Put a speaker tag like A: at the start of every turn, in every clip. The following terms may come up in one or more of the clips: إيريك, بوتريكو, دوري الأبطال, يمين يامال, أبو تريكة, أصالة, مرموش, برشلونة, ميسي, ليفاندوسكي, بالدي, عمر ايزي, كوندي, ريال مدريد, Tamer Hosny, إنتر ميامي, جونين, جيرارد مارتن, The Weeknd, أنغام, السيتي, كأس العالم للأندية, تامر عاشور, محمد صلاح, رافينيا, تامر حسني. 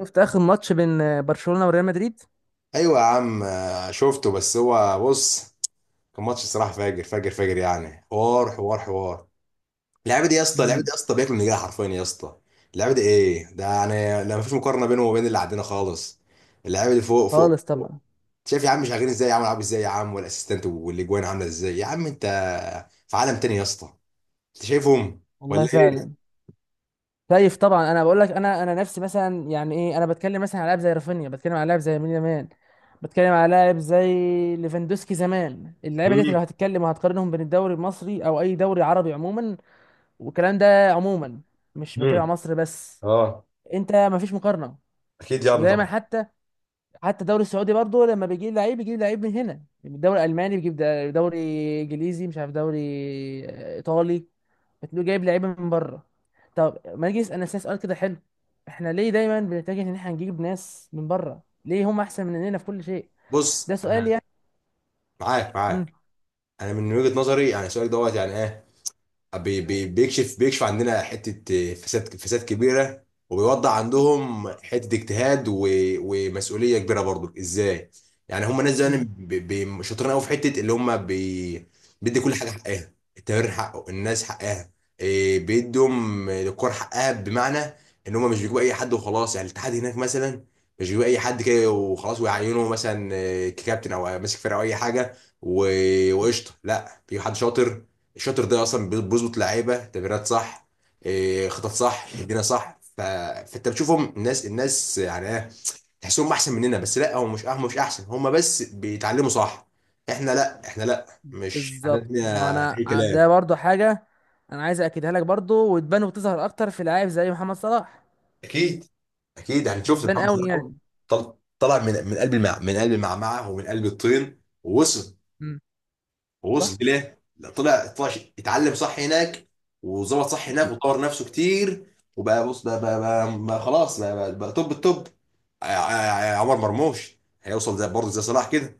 A: شفت اخر ماتش بين برشلونة وريال مدريد.
B: ايوه يا عم، شفته. بس هو بص. كان ماتش صراحه فاجر فاجر فاجر، يعني حوار حوار حوار. اللعيبه دي يا اسطى، اللعيبه دي
A: امم
B: يا اسطى بياكل من رجلها حرفيا يا اسطى. اللعيبه دي ايه ده يعني؟ لا، مفيش مقارنه بينه وبين اللي عندنا خالص. اللعيبه دي فوق فوق.
A: خالص طبعا.
B: شايف يا عم شغالين ازاي يا عم، لعب ازاي يا عم، والاسيستنت والاجوان عامله ازاي يا عم؟ انت في عالم تاني يا اسطى. انت شايفهم
A: والله
B: ولا ايه؟
A: فعلا. خايف طبعا، انا بقول لك، انا نفسي مثلا، يعني ايه، انا بتكلم مثلا على لاعب زي رافينيا، بتكلم على لاعب زي يمين يامال، بتكلم على لاعب زي ليفاندوسكي زمان. اللعيبه ديت
B: امم.
A: لو هتتكلم وهتقارنهم بين الدوري المصري او اي دوري عربي عموما، والكلام ده عموما، مش بتكلم على
B: امم.
A: مصر بس.
B: اه.
A: انت مفيش مقارنه.
B: اكيد يا عم
A: ودايما
B: طبعا.
A: حتى الدوري السعودي برضه لما بيجيب لعيب، بيجيب لعيب من هنا. الدوري الالماني بيجيب، دوري انجليزي، مش عارف، دوري ايطالي، بتلاقيه جايب لعيبه من بره. طب ما نيجي نسال نفسنا سؤال كده حلو: احنا ليه دايما بنتجه ان احنا نجيب ناس من بره؟ ليه هم احسن مننا في كل شيء؟
B: بص
A: ده سؤال
B: انا،
A: يعني.
B: معاك معاك.
A: امم
B: انا من وجهه نظري يعني، سؤالك دوت يعني ايه، بي بي بيكشف بيكشف عندنا حته فساد، فساد كبيره. وبيوضح عندهم حته اجتهاد ومسؤوليه كبيره برضو. ازاي؟ يعني هم ناس زمان
A: امم
B: شاطرين قوي في حته اللي هم بيدي كل حاجه حقها. التمرين حقه، الناس حقها، بيدهم الكور حقها. بمعنى ان هم مش بيجيبوا اي حد وخلاص. يعني الاتحاد هناك مثلا مش بيجيبوا اي حد كده وخلاص، ويعينه مثلا ككابتن او ماسك فرقه او اي حاجه. وقشطه، لا، بيجيب حد شاطر. الشاطر ده اصلا بيظبط لعيبه، تمريرات صح، خطط صح، تمريره صح. فانت بتشوفهم الناس، الناس يعني ايه، تحسهم احسن مننا. بس لا، هم مش احسن، هم بس بيتعلموا صح. احنا لا، احنا لا مش
A: بالظبط. ما
B: عندنا
A: انا
B: اي كلام.
A: ده برضه حاجه انا عايز اكدها لك برضه، وتبان وتظهر اكتر في لعيب زي محمد صلاح.
B: اكيد. اكيد، يعني شفت
A: بتبان
B: محمد
A: قوي
B: صلاح أهو.
A: يعني.
B: طلع من قلب من قلب المعمعه ومن قلب الطين، ووصل.
A: امم
B: ووصل
A: صح.
B: ليه؟ لا، طلع، طلع اتعلم صح هناك، وظبط صح هناك، وطور نفسه كتير. وبقى بص، بقى خلاص، بقى توب التوب. عمر مرموش هيوصل زي، برضه زي صلاح كده.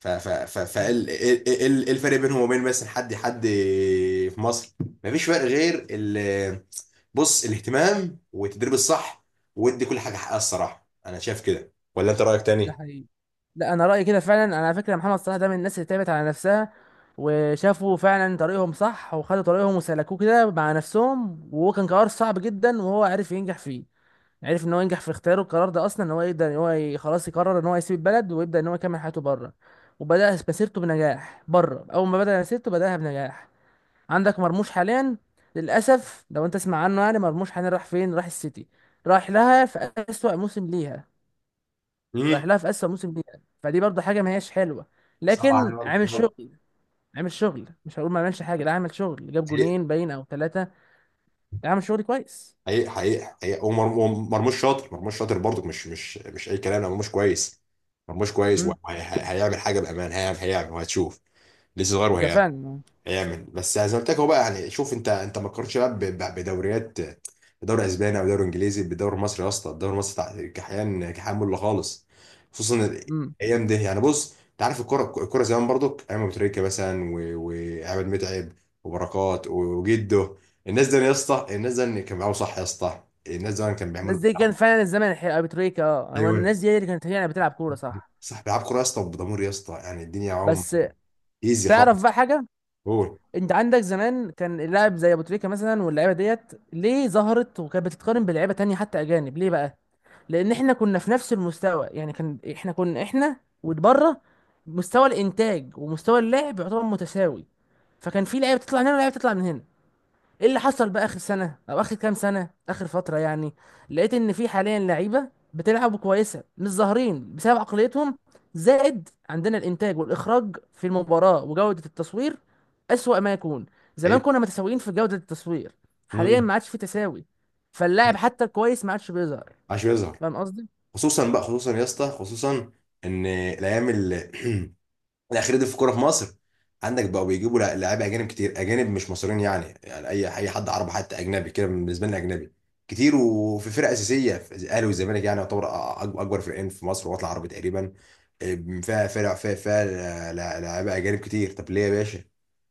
B: ف ف ف ف الفرق بينهم وبين مثلا حد، حد في مصر، مفيش فرق غير بص، الاهتمام والتدريب الصح، ودي كل حاجه حقها الصراحه. انا شايف كده، ولا انت رايك
A: ده
B: تاني؟
A: حقيقي. لا، انا رايي كده فعلا. انا على فكره محمد صلاح ده من الناس اللي تعبت على نفسها، وشافوا فعلا طريقهم صح، وخدوا طريقهم وسلكوه كده مع نفسهم. وهو كان قرار صعب جدا وهو عرف ينجح فيه. عرف ان هو ينجح في اختياره. القرار ده اصلا ان هو يقدر ان هو خلاص يقرر ان هو يسيب البلد ويبدا ان هو يكمل حياته بره، وبدا مسيرته بنجاح بره. اول ما بدا مسيرته بداها بنجاح. عندك مرموش حاليا، للاسف لو انت تسمع عنه، يعني مرموش حاليا راح فين؟ راح السيتي، راح لها في اسوأ موسم ليها.
B: امم.
A: رايح لها في اسوأ موسم ليها، فدي برضه حاجه ما هياش حلوه.
B: صعب عليا
A: لكن عامل
B: برضه.
A: شغل. عامل شغل، مش هقول ما عملش حاجه، لا عامل شغل، جاب جونين باين او ثلاثه. لا عامل شغل كويس.
B: حقيقي حقيقي حقيقي. ومرموش شاطر، مرموش شاطر برضك، مش اي كلام. لا، مرموش كويس. مرموش كويس
A: امم
B: وهيعمل حاجه بامان، هيعمل، هيعمل وهتشوف. لسه
A: ده
B: صغير.
A: فعلا.
B: يعمل بس زي ما قلت لك. هو بقى يعني، شوف انت ما تقارنش بقى بدوريات، بدوري اسباني او دوري انجليزي بدوري مصري يا اسطى. الدوري المصري كحيان كحيان مله خالص، خصوصا
A: امم
B: الايام دي يعني. بص، انت عارف الكوره، الكوره زمان برضك، ايام ابو تريكه مثلا وعماد متعب وبركات وجده. الناس دي يا اسطى، الناس دي كان بيلعبوا صح يا اسطى، الناس دي كان
A: الناس
B: بيعملوا.
A: دي كان فعلا الزمن الحقيقي. ابو تريكة، اه هو،
B: ايوه،
A: الناس دي هي اللي كانت يعني بتلعب كوره صح.
B: صح، بيلعبوا كوره يا اسطى، بضمير يا اسطى، يعني الدنيا معاهم
A: بس
B: ايزي خالص.
A: تعرف بقى حاجه،
B: هو
A: انت عندك زمان كان اللاعب زي ابو تريكة مثلا واللعيبه ديت، ليه ظهرت وكانت بتتقارن بلعيبه تانية حتى اجانب؟ ليه بقى؟ لان احنا كنا في نفس المستوى. يعني كان احنا، كنا احنا وبره، مستوى الانتاج ومستوى اللعب يعتبر متساوي. فكان في لعيبه تطلع من هنا ولعيبه تطلع من هنا. ايه اللي حصل بقى اخر سنه او اخر كام سنه، اخر فتره يعني؟ لقيت ان في حاليا لعيبه بتلعب كويسه مش ظاهرين بسبب عقليتهم، زائد عندنا الانتاج والاخراج في المباراه وجوده التصوير اسوأ ما يكون.
B: أيوة.
A: زمان كنا متساويين في جوده التصوير، حاليا
B: مم.
A: ما عادش في تساوي، فاللاعب حتى الكويس ما عادش بيظهر.
B: عشان يظهر.
A: فاهم قصدي؟
B: خصوصا بقى، خصوصا يا اسطى، خصوصا ان الايام الاخيره دي في الكوره في مصر، عندك بقوا بيجيبوا لعيبه اجانب كتير، اجانب مش مصريين، يعني يعني اي حد عربي، حتى اجنبي كده بالنسبه لنا اجنبي كتير. وفي فرق اساسيه في الاهلي والزمالك، يعني يعتبر اكبر فرقين في مصر، وطلع عربي تقريبا، فيها فرق، فيها فيها لعيبه اجانب كتير. طب ليه يا باشا؟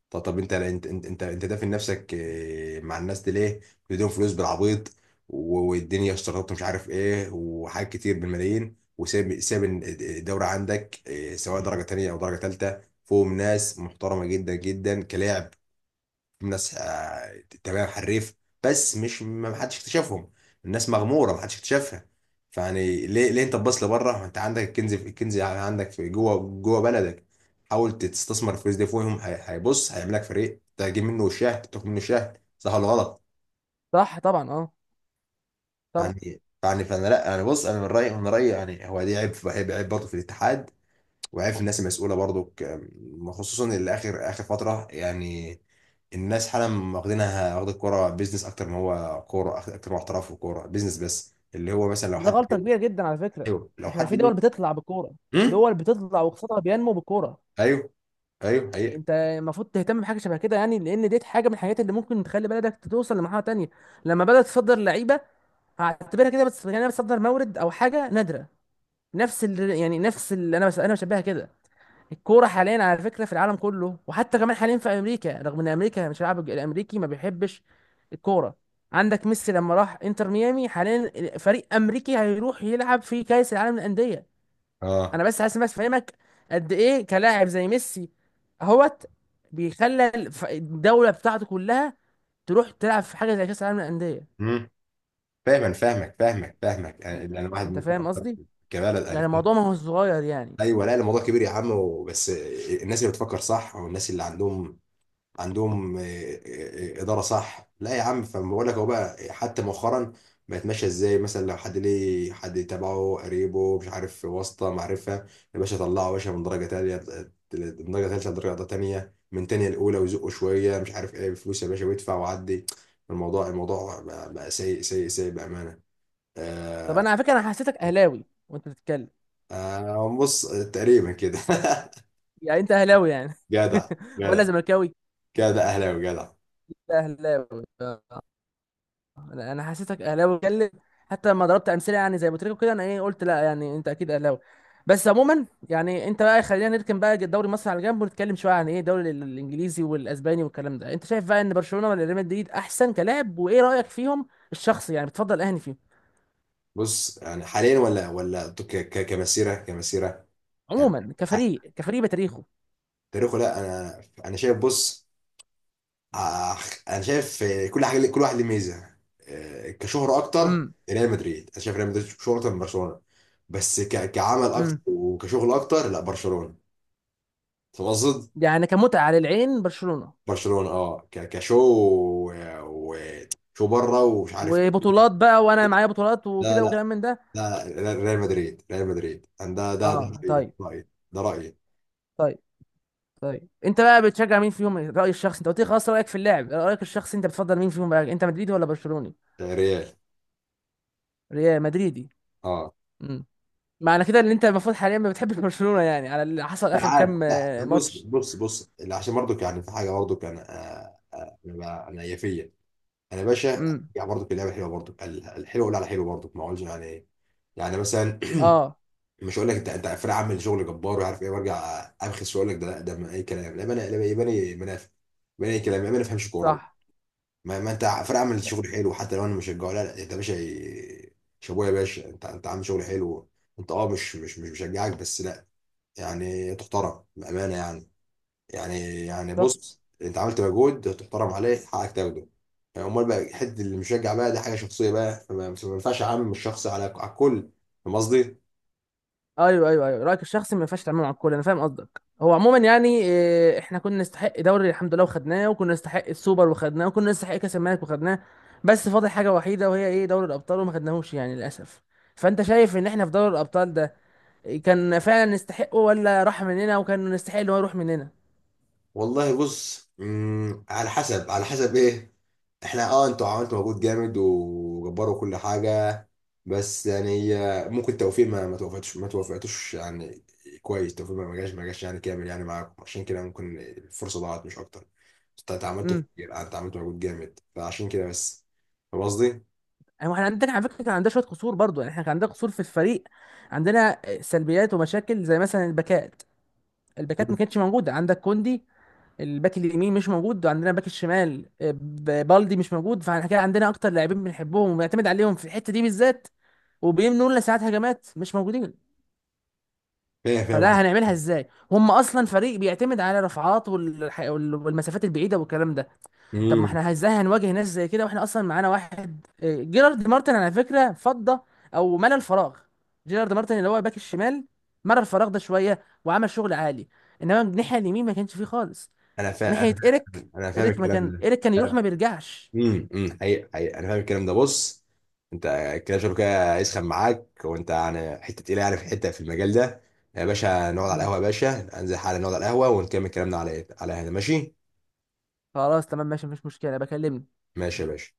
B: طب، طب انت دافن نفسك مع الناس دي ليه؟ بتديهم فلوس بالعبيط، والدنيا اشتراطات مش عارف ايه وحاجات كتير بالملايين، وساب، ساب الدورة عندك سواء درجة تانية او درجة تالتة، فوق ناس محترمة جدا جدا كلاعب. الناس تمام، حريف، بس مش، ما حدش اكتشفهم. الناس مغموره، ما حدش اكتشفها. فيعني ليه، ليه انت تبص لبره؟ ما انت عندك الكنز، في الكنز عندك في جوه، جوه بلدك. حاول تستثمر الفلوس دي فيهم. هيبص هيعمل لك فريق، تجيب منه شاه، تاخد منه شاه. صح ولا غلط؟
A: صح طبعا. اه طبعا.
B: يعني يعني فانا، لا انا بص، انا من رايي، من رايي، يعني هو دي عيب، عيب عيب برضه في الاتحاد، وعارف الناس المسؤوله برضو، خصوصا اللي اخر، اخر فتره يعني. الناس حالا واخدينها، واخد الكوره بيزنس اكتر ما هو كوره، اكتر ما هو احتراف، وكوره بيزنس بس. اللي هو مثلا لو
A: ده
B: حد.
A: غلطه كبيره جدا على فكره.
B: ايوه، لو
A: احنا
B: حد
A: في دول
B: مين.
A: بتطلع بالكوره.
B: امم.
A: دول بتطلع واقتصادها بينمو بالكوره.
B: ايوه، ايوه
A: يعني
B: حقيقه.
A: انت المفروض تهتم بحاجه شبه كده، يعني لان ديت حاجه من الحاجات اللي ممكن تخلي بلدك توصل لمرحله تانية لما بدات تصدر لعيبه. هعتبرها كده بس، يعني انا بتصدر مورد او حاجه نادره. نفس اللي يعني، نفس اللي انا، بس انا بشبهها كده. الكوره حاليا على فكره في العالم كله، وحتى كمان حاليا في امريكا، رغم ان امريكا مش، اللاعب الامريكي ما بيحبش الكوره، عندك ميسي لما راح انتر ميامي، حاليا فريق امريكي هيروح يلعب في كاس العالم للانديه.
B: اه.
A: انا بس عايز بس افهمك قد ايه كلاعب زي ميسي اهوت بيخلى الدوله بتاعته كلها تروح تلعب في حاجه زي كاس العالم للانديه.
B: امم. فاهم، أنا فاهمك، فاهمك فاهمك يعني، اللي انا واحد
A: انت
B: ممكن
A: فاهم
B: اكتر،
A: قصدي؟
B: كبلد.
A: يعني
B: أنا.
A: الموضوع ما هو صغير يعني.
B: ايوه لا، الموضوع كبير يا عم، بس الناس اللي بتفكر صح، والناس اللي عندهم، عندهم اداره صح. لا يا عم، فبقول لك هو بقى حتى مؤخرا بقت ماشيه ازاي. مثلا لو حد ليه حد تبعه قريبه، مش عارف، واسطه، معرفه، يا باشا طلعه يا باشا من درجه تانيه، من درجه ثالثه لدرجه تانيه، من تانيه الاولى، ويزقه شويه مش عارف ايه، بفلوس يا باشا، ويدفع وعدي. الموضوع، الموضوع بقى سيء سيء سيء بامانه.
A: طب
B: آه.
A: انا على فكره انا حسيتك اهلاوي وانت بتتكلم.
B: آه، بص، تقريبا كده.
A: يعني انت اهلاوي يعني
B: جدع.
A: ولا
B: جدع.
A: زملكاوي؟
B: جدع اهلاوي، جدع.
A: اهلاوي آه. انا أنا حسيتك اهلاوي بتكلم، حتى لما ضربت امثله يعني زي بوتريكو كده، انا ايه قلت، لا يعني انت اكيد اهلاوي. بس عموما يعني انت بقى، خلينا نركن بقى دوري مصر على جنب ونتكلم شويه عن ايه الدوري الانجليزي والاسباني والكلام ده. انت شايف بقى ان برشلونه ولا ريال مدريد احسن كلاعب؟ وايه رايك فيهم الشخصي؟ يعني بتفضل اهني فيهم
B: بص يعني حاليا، ولا كمسيره، كمسيره يعني،
A: عموما،
B: ع-
A: كفريق، كفريق بتاريخه.
B: تاريخه، لا انا، انا شايف، بص، ع- انا شايف كل حاجه، كل واحد له ميزه. كشهره اكتر،
A: امم
B: ريال مدريد. انا شايف ريال مدريد شهره اكتر من برشلونه. بس كعمل اكتر،
A: امم
B: وكشغل اكتر، لا، برشلونه. فاهم قصد.
A: يعني كمتعه للعين برشلونه،
B: برشلونه اه، كشو شو بره، ومش عارف.
A: وبطولات بقى وانا معايا بطولات
B: لا
A: وكده
B: لا،
A: وكلام من ده.
B: لا لا، ريال مدريد، ريال مدريد أنا، ده
A: اه
B: رايي،
A: طيب.
B: رايي، ده رايي.
A: طيب. طيب انت بقى بتشجع مين فيهم رأي الشخص؟ انت قلت لي خلاص رأيك في اللاعب، رأيك الشخصي انت بتفضل مين فيهم بقى؟ انت مدريدي ولا برشلوني؟
B: ريال.
A: ريال مدريدي.
B: اه.
A: امم معنى كده ان انت المفروض حاليا ما بتحبش برشلونة، يعني على اللي حصل
B: لا
A: اخر
B: عادي،
A: كام
B: لا بص،
A: ماتش.
B: بص بص، لا، عشان برضك يعني في حاجه برضك انا، انا انا يافيه، انا يا باشا
A: امم
B: يعني برضك، اللعبه حلوه برضك، الحلو ولا على حلو برضك ما اقولش. يعني، يعني مثلا،
A: اه
B: مش هقول لك انت، انت فرق عامل شغل جبار وعارف ايه، وارجع ابخس واقول لك ده، لا ده ما اي كلام، لا. انا لا يباني منافق، يباني اي كلام، يباني ما فهمش كوره.
A: صح
B: ما انت فرق عامل شغل حلو حتى لو انا مشجعه. لا لا، انت يا باشا شابوه يا باشا، انت، انت عامل شغل حلو. انت اه، مش مشجعك بس، لا، يعني تحترم بامانه يعني. يعني، يعني
A: صح.
B: بص، انت عملت مجهود، تحترم عليه، حقك تاخده يعني. امال بقى حته اللي مشجع بقى دي، حاجه شخصيه بقى، فما ما ينفعش اعمم الشخص على على الكل. فاهم قصدي؟
A: ايوه ايوه ايوه، رأيك الشخصي ما ينفعش تعمله مع الكل، انا فاهم قصدك. هو عموما يعني احنا كنا نستحق دوري الحمد لله وخدناه، وكنا نستحق السوبر وخدناه، وكنا نستحق كاس الملك وخدناه. بس فاضل حاجة وحيدة وهي ايه؟ دوري الابطال وما خدناهوش يعني للاسف. فانت شايف ان احنا في دوري الابطال ده كان فعلا يستحقه، ولا راح مننا وكان يستحق ان هو يروح مننا؟
B: والله بص، مم، على حسب، على حسب ايه. احنا اه، انتوا عملتوا مجهود جامد وجبروا كل حاجه، بس يعني ممكن توفيق ما توفقتش، ما توفقتوش يعني كويس. توفيق ما جاش، ما جاش يعني كامل يعني معاكم، عشان كده ممكن الفرصه ضاعت، مش اكتر. انت عملتوا
A: امم
B: كتير، انت عملتوا مجهود جامد، فعشان كده بس. فاهم قصدي؟
A: يعني احنا عندنا على فكره كان عندنا شويه قصور برضو، يعني احنا كان عندنا قصور في الفريق، عندنا سلبيات ومشاكل زي مثلا الباكات. الباكات
B: مم.
A: ما كانتش موجوده، عندك كوندي الباك اليمين مش موجود، وعندنا باك الشمال بالدي مش موجود. فاحنا كده عندنا اكتر لاعبين بنحبهم وبنعتمد عليهم في الحته دي بالذات وبيمنوا لنا ساعات هجمات، مش موجودين.
B: فاهم، فاهم
A: فده
B: قصدي؟
A: هنعملها ازاي هم اصلا فريق بيعتمد على رفعات والمسافات البعيده والكلام ده؟ طب ما
B: مم.
A: احنا ازاي هنواجه ناس زي كده واحنا اصلا معانا واحد جيرارد مارتن على فكره فضى او ملى الفراغ. جيرارد مارتن اللي هو باك الشمال، ملى الفراغ ده شويه وعمل شغل عالي. انما الناحيه اليمين ما كانش فيه خالص،
B: انا فاهم.
A: ناحيه
B: انا،
A: ايريك.
B: انا فاهم
A: ايريك ما
B: الكلام
A: كان، ايريك كان
B: ده.
A: يروح ما بيرجعش.
B: امم. امم، حقيقة حقيقة. انا فاهم الكلام ده، بص، انت كده شغل كده هيسخن معاك، وانت يعني حته تقيله يعني في حته في المجال ده. يا باشا نقعد على
A: مم.
B: القهوه يا باشا. انزل حالا نقعد على القهوه ونكمل كلامنا. على إيه؟ على هنا، ماشي.
A: خلاص تمام ماشي، مفيش مشكله، بكلمني.
B: ماشي يا باشا.